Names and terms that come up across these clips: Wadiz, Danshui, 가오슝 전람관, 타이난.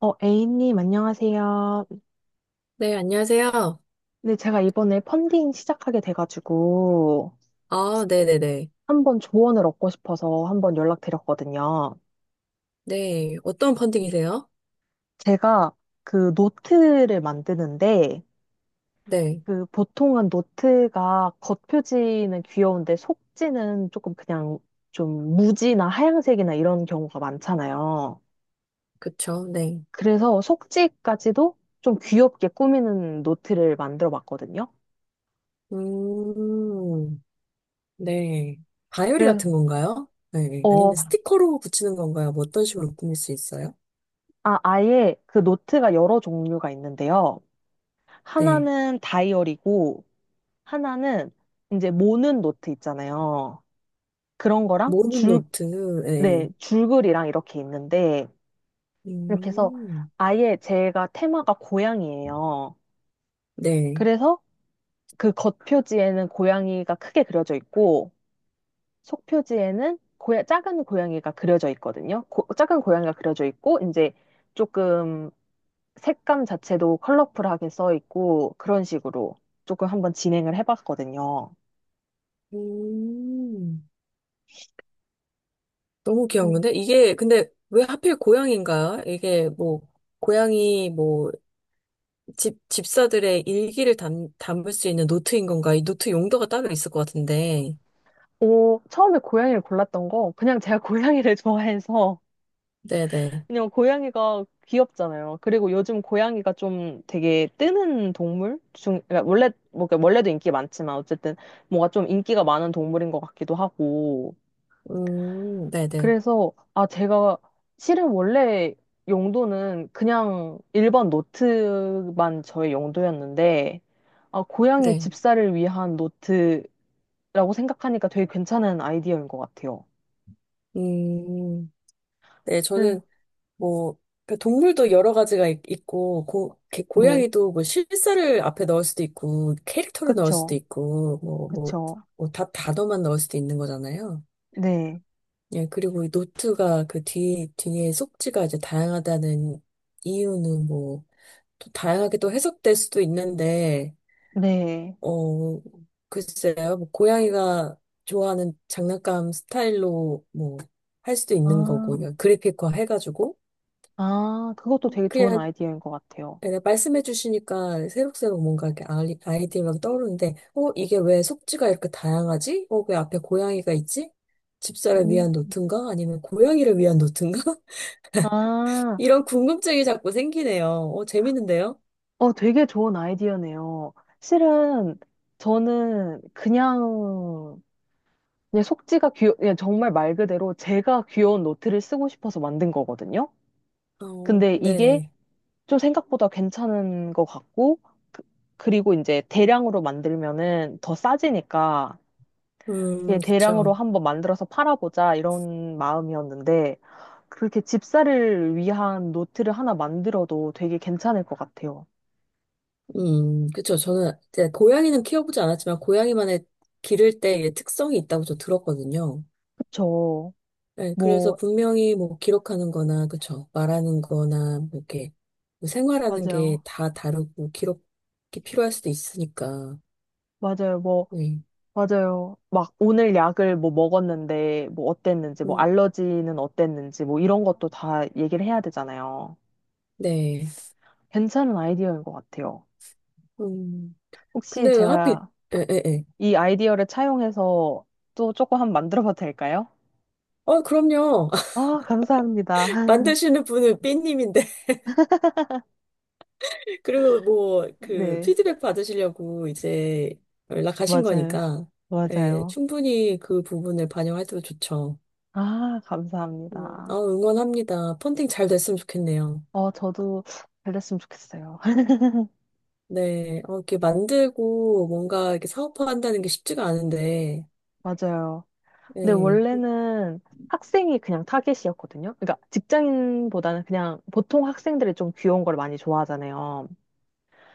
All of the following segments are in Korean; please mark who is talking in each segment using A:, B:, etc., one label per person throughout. A: A님, 안녕하세요.
B: 네, 안녕하세요.
A: 네, 제가 이번에 펀딩 시작하게 돼가지고
B: 아, 네네네.
A: 한번 조언을 얻고 싶어서 한번 연락드렸거든요.
B: 네, 어떤 펀딩이세요?
A: 제가 그 노트를 만드는데
B: 네,
A: 그 보통은 노트가 겉표지는 귀여운데 속지는 조금 그냥 좀 무지나 하얀색이나 이런 경우가 많잖아요.
B: 그쵸, 네.
A: 그래서 속지까지도 좀 귀엽게 꾸미는 노트를 만들어 봤거든요.
B: 음, 네. 바이오리
A: 그래,
B: 같은 건가요? 네,
A: 어,
B: 아니면 스티커로 붙이는 건가요? 뭐 어떤 식으로 꾸밀 수 있어요?
A: 아예 그 노트가 여러 종류가 있는데요.
B: 네,
A: 하나는 다이어리고, 하나는 이제 모는 노트 있잖아요. 그런 거랑
B: 모르는
A: 줄,
B: 노트, 네.
A: 네, 줄글이랑 이렇게 있는데, 이렇게 해서
B: 음,
A: 아예 제가 테마가 고양이예요.
B: 네.
A: 그래서 그 겉표지에는 고양이가 크게 그려져 있고, 속표지에는 작은 고양이가 그려져 있거든요. 작은 고양이가 그려져 있고, 이제 조금 색감 자체도 컬러풀하게 써 있고 그런 식으로 조금 한번 진행을 해봤거든요.
B: 음, 너무
A: 음.
B: 귀여운데? 이게, 근데 왜 하필 고양인가요? 이게 뭐, 고양이 뭐, 집사들의 일기를 담을 수 있는 노트인 건가? 이 노트 용도가 따로 있을 것 같은데.
A: 오, 처음에 고양이를 골랐던 거 그냥 제가 고양이를 좋아해서
B: 네네.
A: 그냥 고양이가 귀엽잖아요. 그리고 요즘 고양이가 좀 되게 뜨는 동물 중 그러니까 원래 뭐 그러니까 원래도 인기 많지만 어쨌든 뭔가 좀 인기가 많은 동물인 것 같기도 하고
B: 네네.
A: 그래서, 제가 실은 원래 용도는 그냥 일반 노트만 저의 용도였는데, 아, 고양이
B: 네.
A: 집사를 위한 노트라고 생각하니까 되게 괜찮은 아이디어인 것 같아요.
B: 음, 네,
A: 그래-
B: 저는 뭐, 그 동물도 여러 가지가 있, 고,
A: 네,
B: 고양이도 뭐 실사를 앞에 넣을 수도 있고, 캐릭터를 넣을 수도
A: 그쵸,
B: 있고, 뭐, 뭐,
A: 그쵸.
B: 뭐 단어만 넣을 수도 있는 거잖아요.
A: 네,
B: 예, 그리고 이 노트가 그 뒤에 속지가 이제 다양하다는 이유는 뭐, 또 다양하게 또 해석될 수도 있는데,
A: 네.
B: 어, 글쎄요. 뭐 고양이가 좋아하는 장난감 스타일로 뭐 할 수도 있는 거고,
A: 아,
B: 그냥 그래픽화 해가지고,
A: 아, 그것도 되게 좋은
B: 그냥,
A: 아이디어인 것 같아요.
B: 그냥 말씀해 주시니까 새록새록 뭔가 이렇게 아이디어가 떠오르는데, 이게 왜 속지가 이렇게 다양하지? 왜 앞에 고양이가 있지? 집사를
A: 음.
B: 위한 노트인가? 아니면 고양이를 위한 노트인가?
A: 아,
B: 이런 궁금증이 자꾸 생기네요. 재밌는데요?
A: 되게 좋은 아이디어네요. 실은 저는 그냥 그냥 정말 말 그대로 제가 귀여운 노트를 쓰고 싶어서 만든 거거든요.
B: 어,
A: 근데 이게
B: 네네.
A: 좀 생각보다 괜찮은 것 같고, 그, 그리고 이제 대량으로 만들면은 더 싸지니까, 이게 대량으로
B: 그쵸.
A: 한번 만들어서 팔아보자 이런 마음이었는데, 그렇게 집사를 위한 노트를 하나 만들어도 되게 괜찮을 것 같아요.
B: 그쵸. 저는 이제 고양이는 키워보지 않았지만 고양이만의 기를 때의 특성이 있다고 저 들었거든요.
A: 그쵸.
B: 네, 그래서
A: 뭐,
B: 분명히 뭐 기록하는 거나, 그쵸. 말하는 거나, 뭐 이렇게 뭐 생활하는 게
A: 맞아요.
B: 다 다르고 기록이 필요할 수도 있으니까.
A: 맞아요. 뭐,
B: 네.
A: 맞아요. 막 오늘 약을 뭐 먹었는데 뭐 어땠는지, 뭐
B: 음,
A: 알러지는 어땠는지, 뭐 이런 것도 다 얘기를 해야 되잖아요.
B: 네.
A: 괜찮은 아이디어인 것 같아요.
B: 음,
A: 혹시
B: 근데 왜 하필,
A: 제가
B: 에, 에, 에.
A: 이 아이디어를 차용해서 또 조금 한번 만들어 봐도 될까요?
B: 어, 그럼요.
A: 아, 감사합니다.
B: 만드시는 분은 삐님인데. 그리고 뭐 그
A: 네,
B: 피드백 받으시려고 이제 연락하신
A: 맞아요.
B: 거니까 예,
A: 맞아요.
B: 충분히 그 부분을 반영해도 좋죠.
A: 아, 감사합니다.
B: 응원합니다. 펀딩 잘 됐으면 좋겠네요.
A: 어, 저도 잘 됐으면 좋겠어요.
B: 네, 이렇게 만들고 뭔가 이렇게 사업화한다는 게 쉽지가 않은데,
A: 맞아요. 근데
B: 예,
A: 원래는 학생이 그냥 타겟이었거든요. 그러니까 직장인보다는 그냥 보통 학생들이 좀 귀여운 걸 많이 좋아하잖아요.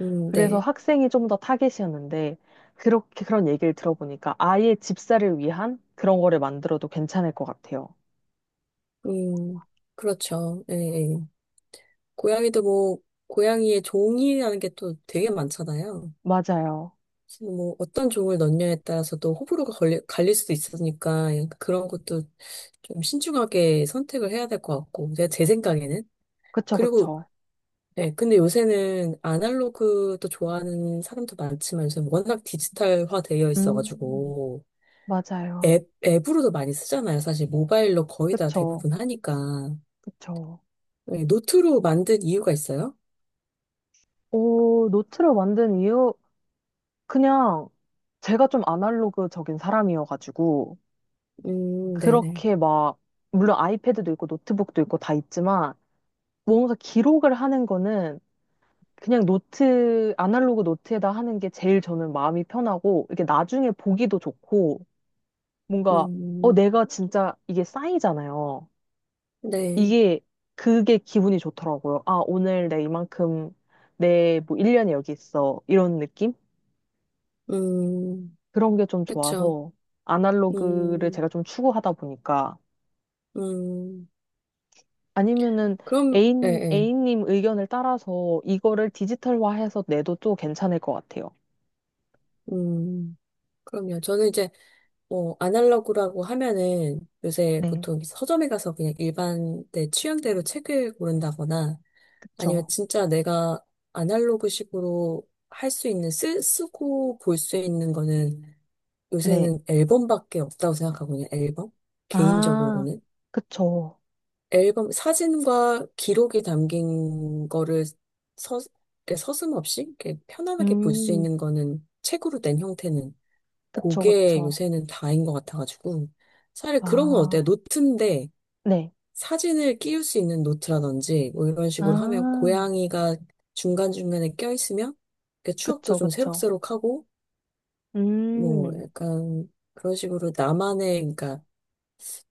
A: 그래서
B: 네,
A: 학생이 좀 더 타겟이었는데 그렇게 그런 얘기를 들어보니까 아예 집사를 위한 그런 거를 만들어도 괜찮을 것 같아요.
B: 음, 그렇죠. 예, 예. 고양이도 뭐 고양이의 종이라는 게 또 되게 많잖아요.
A: 맞아요.
B: 그래서 뭐 어떤 종을 넣느냐에 따라서도 호불호가 갈릴 수도 있으니까 약간 그런 것도 좀 신중하게 선택을 해야 될 것 같고, 제 생각에는.
A: 그쵸,
B: 그리고,
A: 그쵸.
B: 네, 근데 요새는 아날로그도 좋아하는 사람도 많지만 요새 워낙 디지털화 되어
A: 음,
B: 있어가지고,
A: 맞아요.
B: 앱으로도 많이 쓰잖아요. 사실 모바일로 거의 다
A: 그쵸,
B: 대부분 하니까.
A: 그쵸.
B: 네, 노트로 만든 이유가 있어요?
A: 오, 노트를 만든 이유, 그냥 제가 좀 아날로그적인 사람이어가지고
B: 네네.
A: 그렇게 막, 물론 아이패드도 있고 노트북도 있고 다 있지만, 뭔가 기록을 하는 거는 그냥 노트, 아날로그 노트에다 하는 게 제일 저는 마음이 편하고, 이게 나중에 보기도 좋고, 뭔가,
B: 음,
A: 내가 진짜 이게 쌓이잖아요.
B: 네.
A: 이게, 그게 기분이 좋더라고요. 아, 오늘 내 이만큼, 내 뭐 1년이 여기 있어. 이런 느낌?
B: 음,
A: 그런 게 좀
B: 그쵸.
A: 좋아서, 아날로그를
B: 음,
A: 제가 좀 추구하다 보니까,
B: 음.
A: 아니면은
B: 그럼, 예, 예.
A: 애인님 의견을 따라서 이거를 디지털화해서 내도 또 괜찮을 것 같아요.
B: 음, 그럼요. 저는 이제 아날로그라고 하면은 요새
A: 네,
B: 보통 서점에 가서 그냥 일반 내 취향대로 책을 고른다거나 아니면
A: 그쵸.
B: 진짜 내가 아날로그식으로 할 수 있는, 쓰고 볼 수 있는 거는
A: 네.
B: 요새는 앨범밖에 없다고 생각하거든요, 앨범?
A: 아,
B: 개인적으로는.
A: 그쵸.
B: 앨범, 사진과 기록이 담긴 거를 서, 서슴없이 이렇게 편안하게 볼 수
A: 음,
B: 있는 거는 책으로 된 형태는
A: 그쵸,
B: 그게
A: 그쵸.
B: 요새는 다인 것 같아가지고. 차라리 그런 건 어때요?
A: 아,
B: 노트인데
A: 네.
B: 사진을 끼울 수 있는 노트라든지 뭐 이런 식으로 하면
A: 아,
B: 고양이가 중간중간에 껴있으면 그 추억도
A: 그쵸,
B: 좀
A: 그쵸.
B: 새록새록하고 뭐
A: 음,
B: 약간 그런 식으로 나만의 그러니까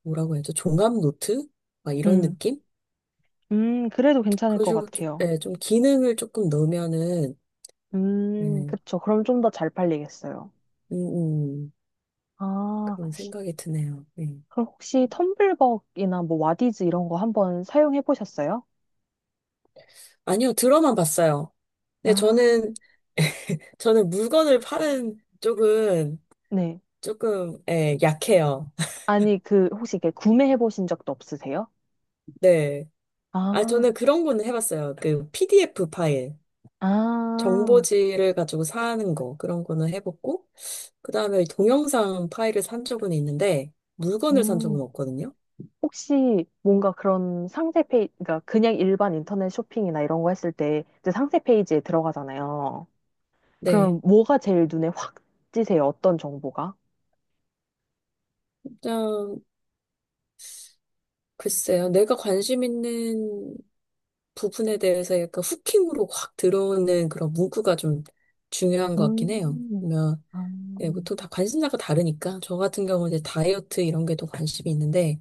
B: 뭐라고 해야죠? 종합 노트? 막 이런
A: 음,
B: 느낌?
A: 그래도 괜찮을
B: 그런
A: 것
B: 식으로 좀,
A: 같아요.
B: 예, 좀 기능을 조금 넣으면은 예,
A: 그쵸. 그럼 좀 더 잘 팔리겠어요.
B: 음,
A: 아,
B: 그런 생각이 드네요. 예.
A: 그럼 혹시 텀블벅이나 뭐 와디즈 이런 거 한번 사용해 보셨어요?
B: 아니요, 들어만 봤어요. 네,
A: 아,
B: 저는 물건을 파는 쪽은
A: 네.
B: 조금, 예, 약해요.
A: 아니, 그, 혹시 이렇게 구매해 보신 적도 없으세요?
B: 네. 아,
A: 아,
B: 저는 그런 거는 해봤어요. 그 PDF 파일,
A: 아,
B: 정보지를 가지고 사는 거, 그런 거는 해봤고, 그 다음에 동영상 파일을 산 적은 있는데, 물건을 산
A: 음.
B: 적은 없거든요.
A: 혹시 뭔가 그런 상세 페이지, 그러니까 그냥 일반 인터넷 쇼핑이나 이런 거 했을 때 이제 상세 페이지에 들어가잖아요.
B: 네.
A: 그럼 뭐가 제일 눈에 확 띄세요? 어떤 정보가?
B: 일단, 글쎄요. 내가 관심 있는 부분에 대해서 약간 후킹으로 확 들어오는 그런 문구가 좀 중요한 것 같긴 해요.
A: 음, 아,
B: 네, 보통 다 관심사가 다르니까 저 같은 경우는 이제 다이어트 이런 게 더 관심이 있는데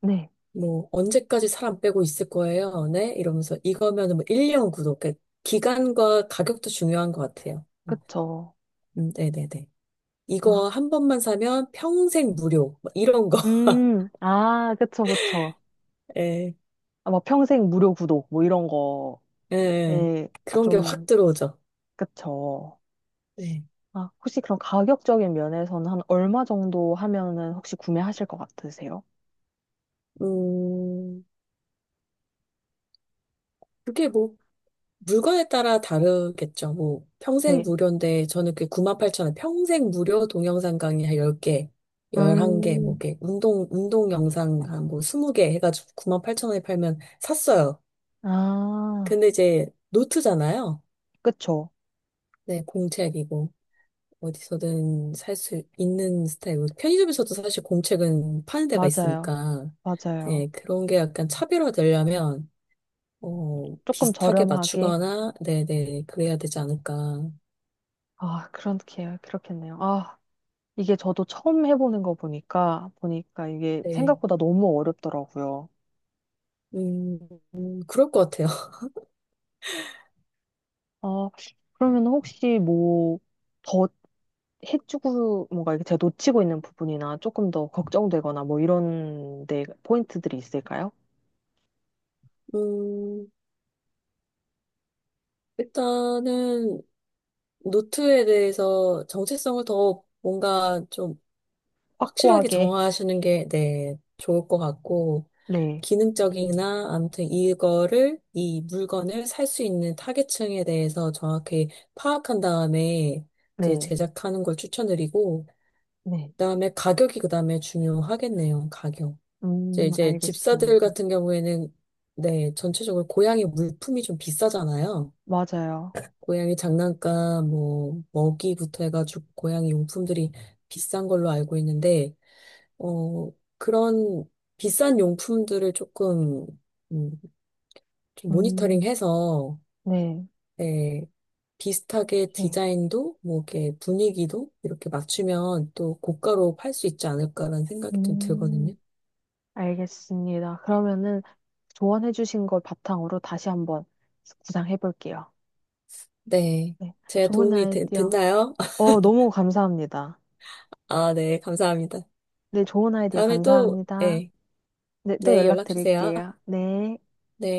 A: 네,
B: 뭐 언제까지 사람 빼고 있을 거예요? 네? 이러면서 이거면은 뭐 1년 구독 그러니까 기간과 가격도 중요한 것 같아요.
A: 그쵸.
B: 네네네.
A: 아,
B: 이거 한 번만 사면 평생 무료 뭐 이런 거.
A: 아, 그쵸, 그쵸.
B: 예,
A: 아, 뭐 평생 무료 구독, 뭐 이런 거.
B: 예.
A: 에 아,
B: 그런 게 확
A: 좀,
B: 들어오죠.
A: 그쵸.
B: 네.
A: 아, 혹시 그럼 가격적인 면에서는 한 얼마 정도 하면은 혹시 구매하실 것 같으세요?
B: 음, 그게 뭐 물건에 따라 다르겠죠. 뭐, 평생
A: 네.
B: 무료인데, 저는 그 9 8천원 평생 무료 동영상 강의 한 10개, 11개,
A: 음,
B: 뭐, 이렇게, 운동 영상 한 뭐, 20개 해가지고 9 8천원에 팔면 샀어요.
A: 아,
B: 근데 이제, 노트잖아요.
A: 그쵸.
B: 네, 공책이고, 어디서든 살 수 있는 스타일이고, 편의점에서도 사실 공책은 파는 데가
A: 맞아요.
B: 있으니까,
A: 맞아요.
B: 네, 그런 게 약간 차별화되려면,
A: 조금
B: 비슷하게
A: 저렴하게.
B: 맞추거나, 네네, 그래야 되지 않을까.
A: 아, 그렇게, 그렇겠네요. 아, 이게 저도 처음 해보는 거 보니까 이게
B: 네.
A: 생각보다 너무 어렵더라고요.
B: 음, 그럴 것 같아요.
A: 어, 그러면 혹시 뭐, 더 해주고, 뭔가 이렇게 제가 놓치고 있는 부분이나 조금 더 걱정되거나 뭐 이런 데 포인트들이 있을까요?
B: 음, 일단은 노트에 대해서 정체성을 더 뭔가 좀 확실하게
A: 확고하게.
B: 정하시는 게, 네, 좋을 것 같고,
A: 네,
B: 기능적이나 아무튼 이 물건을 살 수 있는 타겟층에 대해서 정확히 파악한 다음에 이제
A: 네,
B: 제작하는 걸 추천드리고,
A: 네.
B: 그다음에 가격이 그다음에 중요하겠네요. 가격. 이제 이제 집사들
A: 알겠습니다.
B: 같은 경우에는 네, 전체적으로 고양이 물품이 좀 비싸잖아요.
A: 맞아요.
B: 고양이 장난감, 뭐 먹이부터 해가지고 고양이 용품들이 비싼 걸로 알고 있는데 어 그런 비싼 용품들을 조금 음, 좀
A: 음,
B: 모니터링해서
A: 네.
B: 네, 비슷하게
A: 네.
B: 디자인도 뭐 이렇게 분위기도 이렇게 맞추면 또 고가로 팔 수 있지 않을까라는 생각이 좀 들거든요.
A: 음, 알겠습니다. 그러면은 조언해 주신 걸 바탕으로 다시 한번 구상해 볼게요.
B: 네,
A: 네.
B: 제가
A: 좋은
B: 도움이 되-
A: 아이디어.
B: 됐나요?
A: 어, 너무 감사합니다.
B: 아, 네, 감사합니다.
A: 네, 좋은 아이디어
B: 다음에 또,
A: 감사합니다.
B: 네,
A: 네, 또
B: 네,
A: 연락
B: 연락 주세요.
A: 드릴게요. 네.
B: 네.